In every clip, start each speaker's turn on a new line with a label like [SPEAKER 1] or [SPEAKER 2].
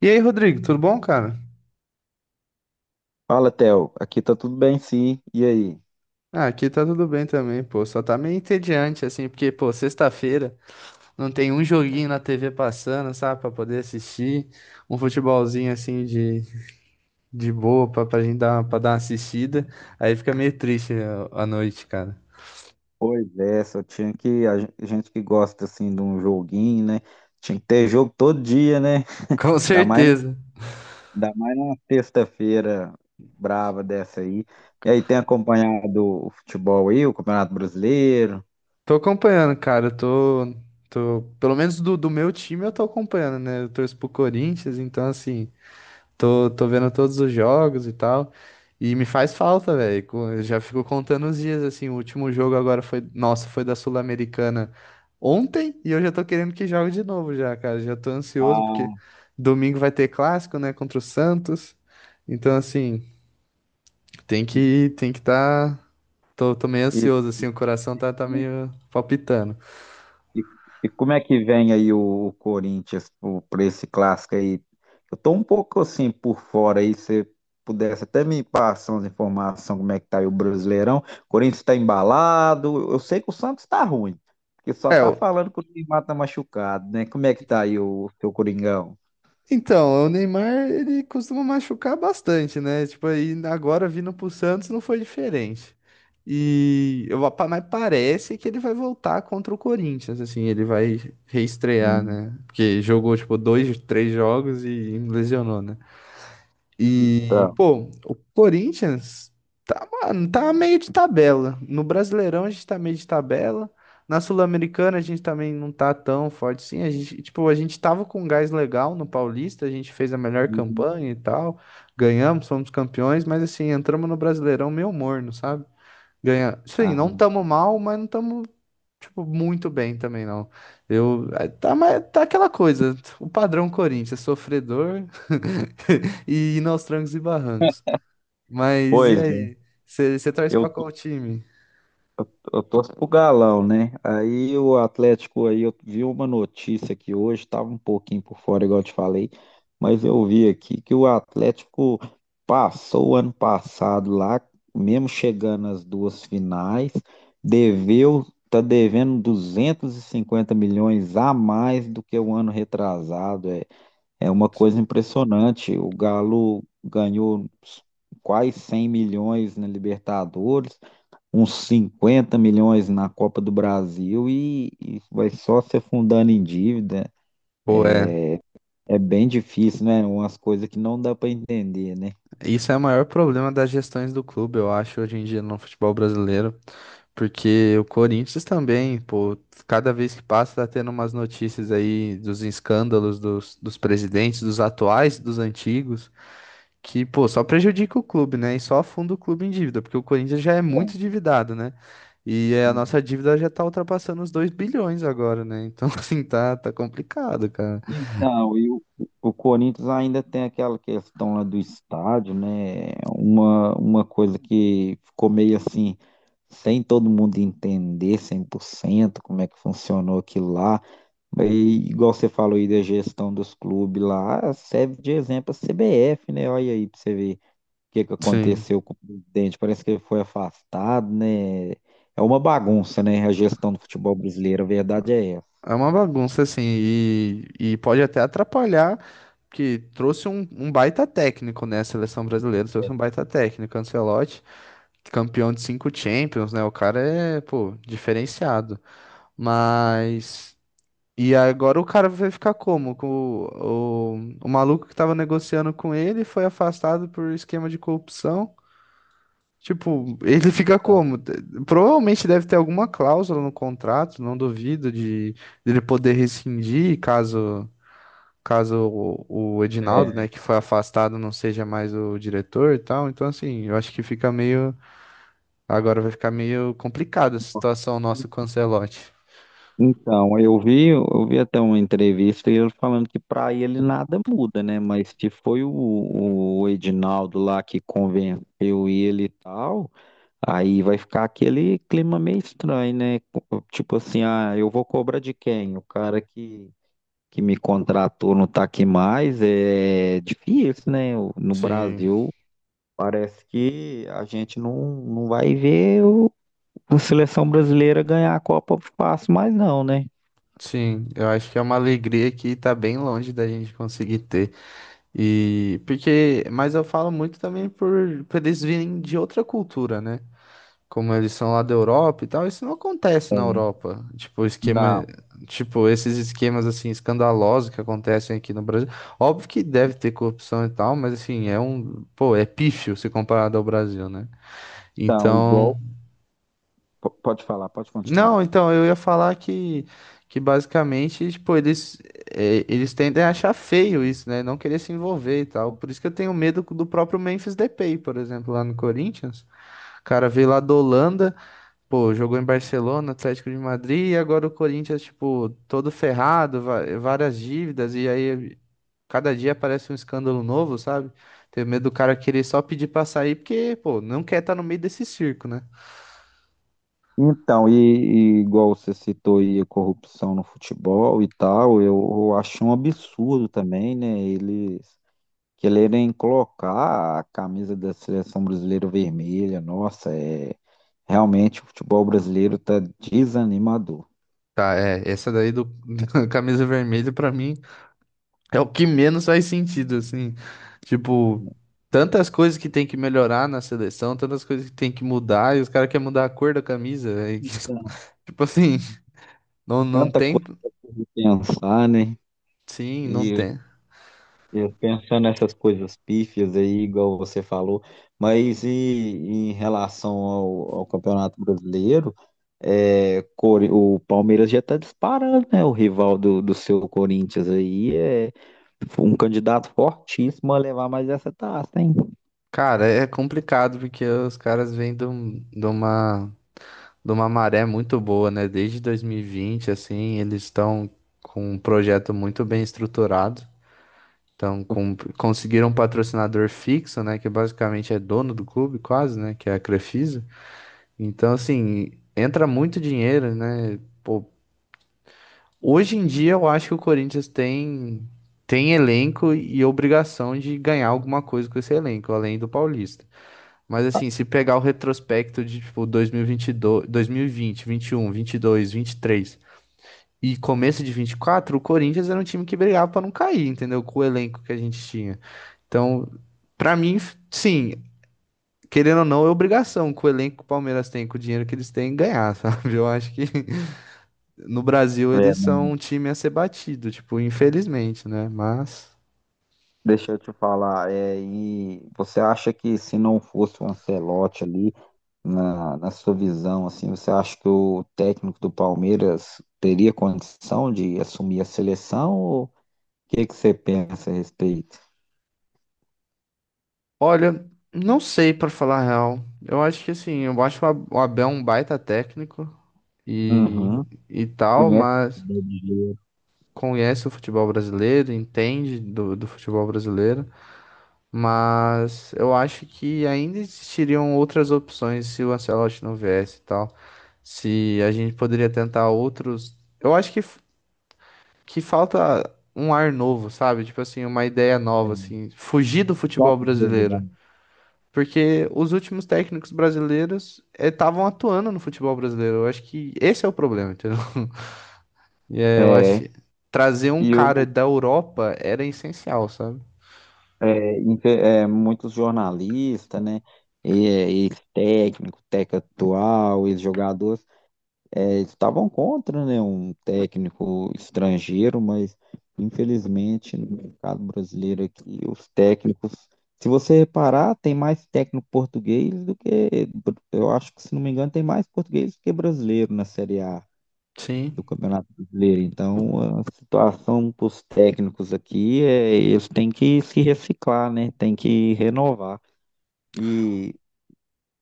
[SPEAKER 1] E aí, Rodrigo, tudo bom, cara?
[SPEAKER 2] Fala, Theo. Aqui tá tudo bem, sim. E aí?
[SPEAKER 1] Ah, aqui tá tudo bem também, pô. Só tá meio entediante, assim, porque, pô, sexta-feira não tem um joguinho na TV passando, sabe, pra poder assistir. Um futebolzinho, assim, de boa pra gente dar, pra dar uma assistida. Aí fica meio triste a noite, cara.
[SPEAKER 2] Pois é, só tinha que. A gente que gosta, assim, de um joguinho, né? Tinha que ter jogo todo dia, né?
[SPEAKER 1] Com
[SPEAKER 2] Ainda mais,
[SPEAKER 1] certeza.
[SPEAKER 2] ainda mais numa sexta-feira brava dessa aí. E aí, tem acompanhado o futebol aí, o Campeonato Brasileiro?
[SPEAKER 1] Tô acompanhando, cara. Tô pelo menos do meu time eu tô acompanhando, né? Eu torço pro Corinthians, então, assim. Tô vendo todos os jogos e tal. E me faz falta, velho. Co- eu Já fico contando os dias, assim. O último jogo agora foi. Nossa, foi da Sul-Americana ontem. E eu já tô querendo que jogue de novo, já, cara. Já tô ansioso, porque
[SPEAKER 2] Ah,
[SPEAKER 1] domingo vai ter clássico, né? Contra o Santos. Então, assim, tem que tá. Tô meio
[SPEAKER 2] e,
[SPEAKER 1] ansioso, assim. O coração tá meio palpitando.
[SPEAKER 2] E, e como é que vem aí o Corinthians para esse clássico aí? Eu tô um pouco assim por fora aí, se pudesse até me passar umas informações como é que tá aí o Brasileirão. O Corinthians está embalado, eu sei que o Santos tá ruim, porque só
[SPEAKER 1] É,
[SPEAKER 2] tá
[SPEAKER 1] o-
[SPEAKER 2] falando que o Neymar tá machucado, né? Como é que tá aí o seu Coringão?
[SPEAKER 1] Então, o Neymar, ele costuma machucar bastante, né? Tipo, aí agora vindo pro Santos não foi diferente. E mas parece que ele vai voltar contra o Corinthians, assim, ele vai reestrear,
[SPEAKER 2] Hum,
[SPEAKER 1] né? Porque jogou, tipo, 2, 3 jogos e lesionou, né? E,
[SPEAKER 2] Tá.
[SPEAKER 1] pô, o Corinthians tá, mano, tá meio de tabela. No Brasileirão a gente tá meio de tabela. Na Sul-Americana a gente também não tá tão forte assim. A gente tava com um gás legal no Paulista, a gente fez a melhor
[SPEAKER 2] Uhum.
[SPEAKER 1] campanha e tal. Ganhamos, fomos campeões, mas assim, entramos no Brasileirão meio morno, sabe? Sim,
[SPEAKER 2] Ah,
[SPEAKER 1] não tamo mal, mas não tamo tipo, muito bem também, não. Tá, mas tá aquela coisa, o padrão Corinthians, sofredor e ir aos trancos e barrancos. Mas e
[SPEAKER 2] pois é.
[SPEAKER 1] aí? Você torce
[SPEAKER 2] Eu
[SPEAKER 1] pra qual time?
[SPEAKER 2] Eu torço pro Galão, né? Aí o Atlético aí, eu vi uma notícia aqui hoje, tava um pouquinho por fora, igual eu te falei, mas eu vi aqui que o Atlético passou o ano passado lá, mesmo chegando às duas finais, tá devendo 250 milhões a mais do que o ano retrasado. É uma coisa impressionante. O Galo ganhou quase 100 milhões na Libertadores, uns 50 milhões na Copa do Brasil, e vai só se afundando em dívida.
[SPEAKER 1] Pô, é,
[SPEAKER 2] É bem difícil, né? Umas coisas que não dá para entender, né?
[SPEAKER 1] isso é o maior problema das gestões do clube, eu acho, hoje em dia no futebol brasileiro. Porque o Corinthians também, pô, cada vez que passa tá tendo umas notícias aí dos escândalos dos presidentes, dos atuais, dos antigos. Que, pô, só prejudica o clube, né? E só afunda o clube em dívida, porque o Corinthians já é muito endividado, né? E é, a nossa
[SPEAKER 2] Uhum.
[SPEAKER 1] dívida já tá ultrapassando os 2 bilhões agora, né? Então, assim, tá complicado, cara.
[SPEAKER 2] Então, e o Corinthians ainda tem aquela questão lá do estádio, né? Uma coisa que ficou meio assim, sem todo mundo entender 100% como é que funcionou aquilo lá. E, igual você falou aí da gestão dos clubes lá, serve de exemplo a CBF, né? Olha aí para você ver que
[SPEAKER 1] Sim.
[SPEAKER 2] aconteceu com o presidente. Parece que ele foi afastado, né? É uma bagunça, né? A gestão do futebol brasileiro, a verdade é essa.
[SPEAKER 1] É uma bagunça, assim, e pode até atrapalhar, que trouxe um baita técnico, né? A seleção brasileira trouxe um baita técnico, Ancelotti, campeão de 5 Champions, né? O cara é, pô, diferenciado. Mas. E agora o cara vai ficar como? Com o maluco que tava negociando com ele foi afastado por esquema de corrupção. Tipo, ele fica
[SPEAKER 2] Então,
[SPEAKER 1] como? Provavelmente deve ter alguma cláusula no contrato, não duvido, de ele poder rescindir caso o Edinaldo, né,
[SPEAKER 2] é,
[SPEAKER 1] que foi afastado, não seja mais o diretor e tal. Então, assim, eu acho que fica meio. Agora vai ficar meio complicada a situação nossa com o Ancelotti.
[SPEAKER 2] Então, eu vi até uma entrevista e ele falando que para ele nada muda, né? Mas que foi o Edinaldo lá que convenceu ele e tal, aí vai ficar aquele clima meio estranho, né? Tipo assim, ah, eu vou cobrar de quem? O cara que me contratou não está aqui mais, é difícil, né? No
[SPEAKER 1] Sim,
[SPEAKER 2] Brasil, parece que a gente não vai ver a seleção brasileira ganhar a Copa fácil mais não, né?
[SPEAKER 1] Sim, eu acho que é uma alegria que tá bem longe da gente conseguir ter. E porque, mas eu falo muito também por eles virem de outra cultura, né? Como eles são lá da Europa e tal, isso não acontece na Europa.
[SPEAKER 2] Não,
[SPEAKER 1] Tipo, esses esquemas assim escandalosos que acontecem aqui no Brasil. Óbvio que deve ter corrupção e tal, mas assim, é um, pô, é pífio se comparado ao Brasil, né?
[SPEAKER 2] então,
[SPEAKER 1] Então,
[SPEAKER 2] igual. Pode falar, pode continuar.
[SPEAKER 1] não, então eu ia falar que basicamente, tipo, eles tendem a achar feio isso, né? Não querer se envolver e tal. Por isso que eu tenho medo do próprio Memphis Depay, por exemplo, lá no Corinthians. O cara veio lá da Holanda, pô, jogou em Barcelona, Atlético de Madrid, e agora o Corinthians, tipo, todo ferrado, várias dívidas, e aí cada dia aparece um escândalo novo, sabe? Tenho medo do cara querer só pedir pra sair, porque, pô, não quer estar no meio desse circo, né?
[SPEAKER 2] Então, e igual você citou aí a corrupção no futebol e tal, eu acho um absurdo também, né? Eles quererem colocar a camisa da seleção brasileira vermelha, nossa, é realmente o futebol brasileiro tá desanimador.
[SPEAKER 1] Tá, é, essa daí do da camisa vermelha pra mim é o que menos faz sentido, assim. Tipo, tantas coisas que tem que melhorar na seleção, tantas coisas que tem que mudar, e os caras querem mudar a cor da camisa, velho.
[SPEAKER 2] Não,
[SPEAKER 1] Tipo assim, não
[SPEAKER 2] tanta
[SPEAKER 1] tem.
[SPEAKER 2] coisa de pensar, né?
[SPEAKER 1] Sim, não
[SPEAKER 2] E
[SPEAKER 1] tem.
[SPEAKER 2] eu pensando nessas coisas pífias aí, igual você falou, mas em relação ao Campeonato Brasileiro, o Palmeiras já está disparando, né? O rival do seu Corinthians aí é um candidato fortíssimo a levar mais essa taça, hein?
[SPEAKER 1] Cara, é complicado porque os caras vêm de uma maré muito boa, né? Desde 2020, assim, eles estão com um projeto muito bem estruturado. Então, conseguiram um patrocinador fixo, né? Que basicamente é dono do clube, quase, né? Que é a Crefisa. Então, assim, entra muito dinheiro, né? Pô, hoje em dia eu acho que o Corinthians tem elenco e obrigação de ganhar alguma coisa com esse elenco, além do Paulista. Mas, assim, se pegar o retrospecto de, tipo, 2022, 2020, 21, 22, 23. E começo de 24, o Corinthians era um time que brigava pra não cair, entendeu? Com o elenco que a gente tinha. Então, pra mim, sim, querendo ou não, é obrigação que o elenco que o Palmeiras tem, com o dinheiro que eles têm, ganhar, sabe? Eu acho que no Brasil eles são um time a ser batido, tipo, infelizmente, né? Mas,
[SPEAKER 2] Deixa eu te falar, e você acha que se não fosse o Ancelotti ali, na sua visão, assim, você acha que o técnico do Palmeiras teria condição de assumir a seleção? Ou o que que você pensa a respeito?
[SPEAKER 1] olha, não sei pra falar a real. Eu acho que assim, eu acho o Abel um baita técnico e,
[SPEAKER 2] Uhum.
[SPEAKER 1] e tal,
[SPEAKER 2] Conhece o
[SPEAKER 1] mas
[SPEAKER 2] brasileiro,
[SPEAKER 1] conhece o futebol brasileiro, entende do futebol brasileiro. Mas eu acho que ainda existiriam outras opções se o Ancelotti não viesse e tal. Se a gente poderia tentar outros. Eu acho que falta um ar novo, sabe? Tipo assim, uma ideia nova,
[SPEAKER 2] tem
[SPEAKER 1] assim. Fugir do futebol
[SPEAKER 2] top de
[SPEAKER 1] brasileiro.
[SPEAKER 2] realidade.
[SPEAKER 1] Porque os últimos técnicos brasileiros estavam atuando no futebol brasileiro. Eu acho que esse é o problema, entendeu? E é, eu acho
[SPEAKER 2] É,
[SPEAKER 1] que trazer um
[SPEAKER 2] e eu,
[SPEAKER 1] cara da Europa era essencial, sabe?
[SPEAKER 2] é, muitos jornalistas, né? Ex-técnico, técnico atual, ex-jogador, eles estavam contra, né, um técnico estrangeiro, mas infelizmente no mercado brasileiro aqui, os técnicos, se você reparar, tem mais técnico português do que, eu acho que se não me engano, tem mais português do que brasileiro na Série A do
[SPEAKER 1] Sim,
[SPEAKER 2] Campeonato Brasileiro. Então, a situação para os técnicos aqui é eles têm que se reciclar, né? Tem que renovar. E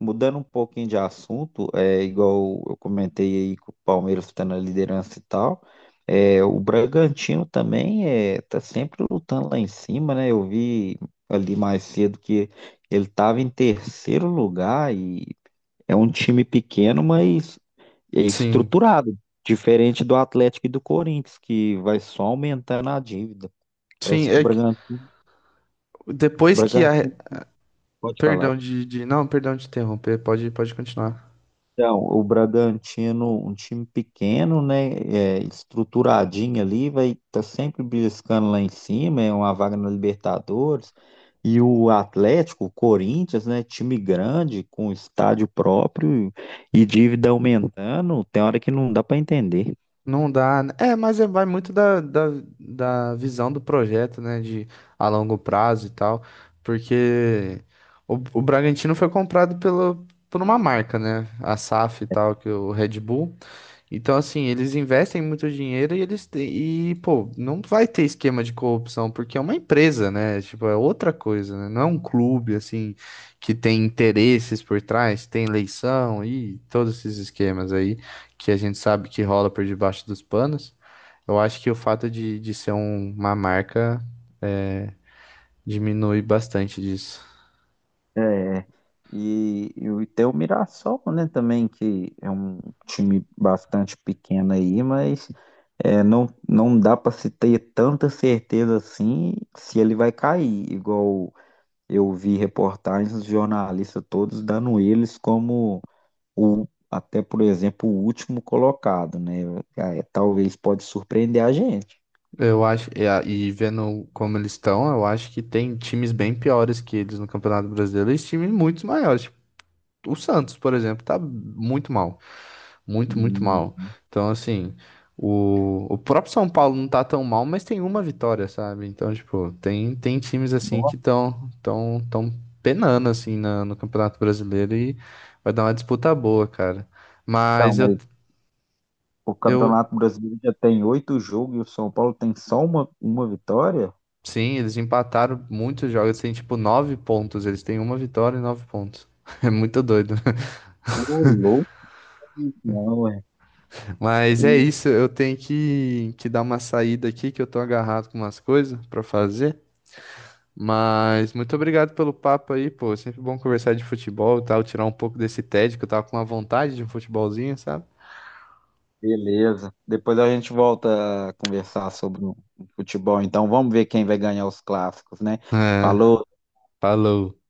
[SPEAKER 2] mudando um pouquinho de assunto, é igual eu comentei aí que o Palmeiras está na liderança e tal. É, o Bragantino também tá sempre lutando lá em cima, né? Eu vi ali mais cedo que ele estava em terceiro lugar e é um time pequeno, mas é
[SPEAKER 1] sim.
[SPEAKER 2] estruturado, diferente do Atlético e do Corinthians, que vai só aumentando a dívida.
[SPEAKER 1] Sim,
[SPEAKER 2] Parece que o
[SPEAKER 1] é que
[SPEAKER 2] Bragantino, o
[SPEAKER 1] depois que a.
[SPEAKER 2] Bragantino pode falar.
[SPEAKER 1] Perdão Não, perdão de interromper, pode continuar.
[SPEAKER 2] Então, o Bragantino, um time pequeno, né, estruturadinho ali, vai tá sempre beliscando lá em cima, é uma vaga na Libertadores. E o Atlético, o Corinthians, né, time grande, com estádio próprio e dívida aumentando, tem hora que não dá para entender.
[SPEAKER 1] Não dá. Né? É, mas é, vai muito da visão do projeto, né? De a longo prazo e tal. Porque o Bragantino foi comprado pelo, por uma marca, né? A SAF e tal, que é o Red Bull. Então, assim, eles investem muito dinheiro e, pô, não vai ter esquema de corrupção, porque é uma empresa, né? Tipo, é outra coisa, né? Não é um clube, assim, que tem interesses por trás, tem eleição e todos esses esquemas aí que a gente sabe que rola por debaixo dos panos. Eu acho que o fato de ser uma marca diminui bastante disso.
[SPEAKER 2] É, e tem o Mirassol, né, também, que é um time bastante pequeno aí, mas não dá para se ter tanta certeza assim se ele vai cair, igual eu vi reportagens dos jornalistas todos dando eles como até, por exemplo, o último colocado, né? É, talvez pode surpreender a gente.
[SPEAKER 1] Eu acho, e, a- E vendo como eles estão, eu acho que tem times bem piores que eles no Campeonato Brasileiro e times muito maiores. O Santos, por exemplo, tá muito mal. Muito, muito
[SPEAKER 2] Hum,
[SPEAKER 1] mal. Então, assim, o próprio São Paulo não tá tão mal, mas tem uma vitória, sabe? Então, tipo, tem times assim que
[SPEAKER 2] Nossa,
[SPEAKER 1] estão tão penando assim no Campeonato Brasileiro e vai dar uma disputa boa, cara. Mas
[SPEAKER 2] mas o
[SPEAKER 1] eu
[SPEAKER 2] Campeonato Brasileiro já tem oito jogos e o São Paulo tem só uma vitória?
[SPEAKER 1] sim, eles empataram muitos jogos, tem tipo 9 pontos. Eles têm uma vitória e 9 pontos. É muito doido.
[SPEAKER 2] Ô, louco, não, é.
[SPEAKER 1] Mas é
[SPEAKER 2] E-
[SPEAKER 1] isso, eu tenho que dar uma saída aqui, que eu tô agarrado com umas coisas pra fazer. Mas muito obrigado pelo papo aí, pô. Sempre bom conversar de futebol e tal, tirar um pouco desse tédio que eu tava com uma vontade de um futebolzinho, sabe?
[SPEAKER 2] Beleza. Depois a gente volta a conversar sobre o futebol. Então vamos ver quem vai ganhar os clássicos, né?
[SPEAKER 1] É,
[SPEAKER 2] Falou.
[SPEAKER 1] Falou.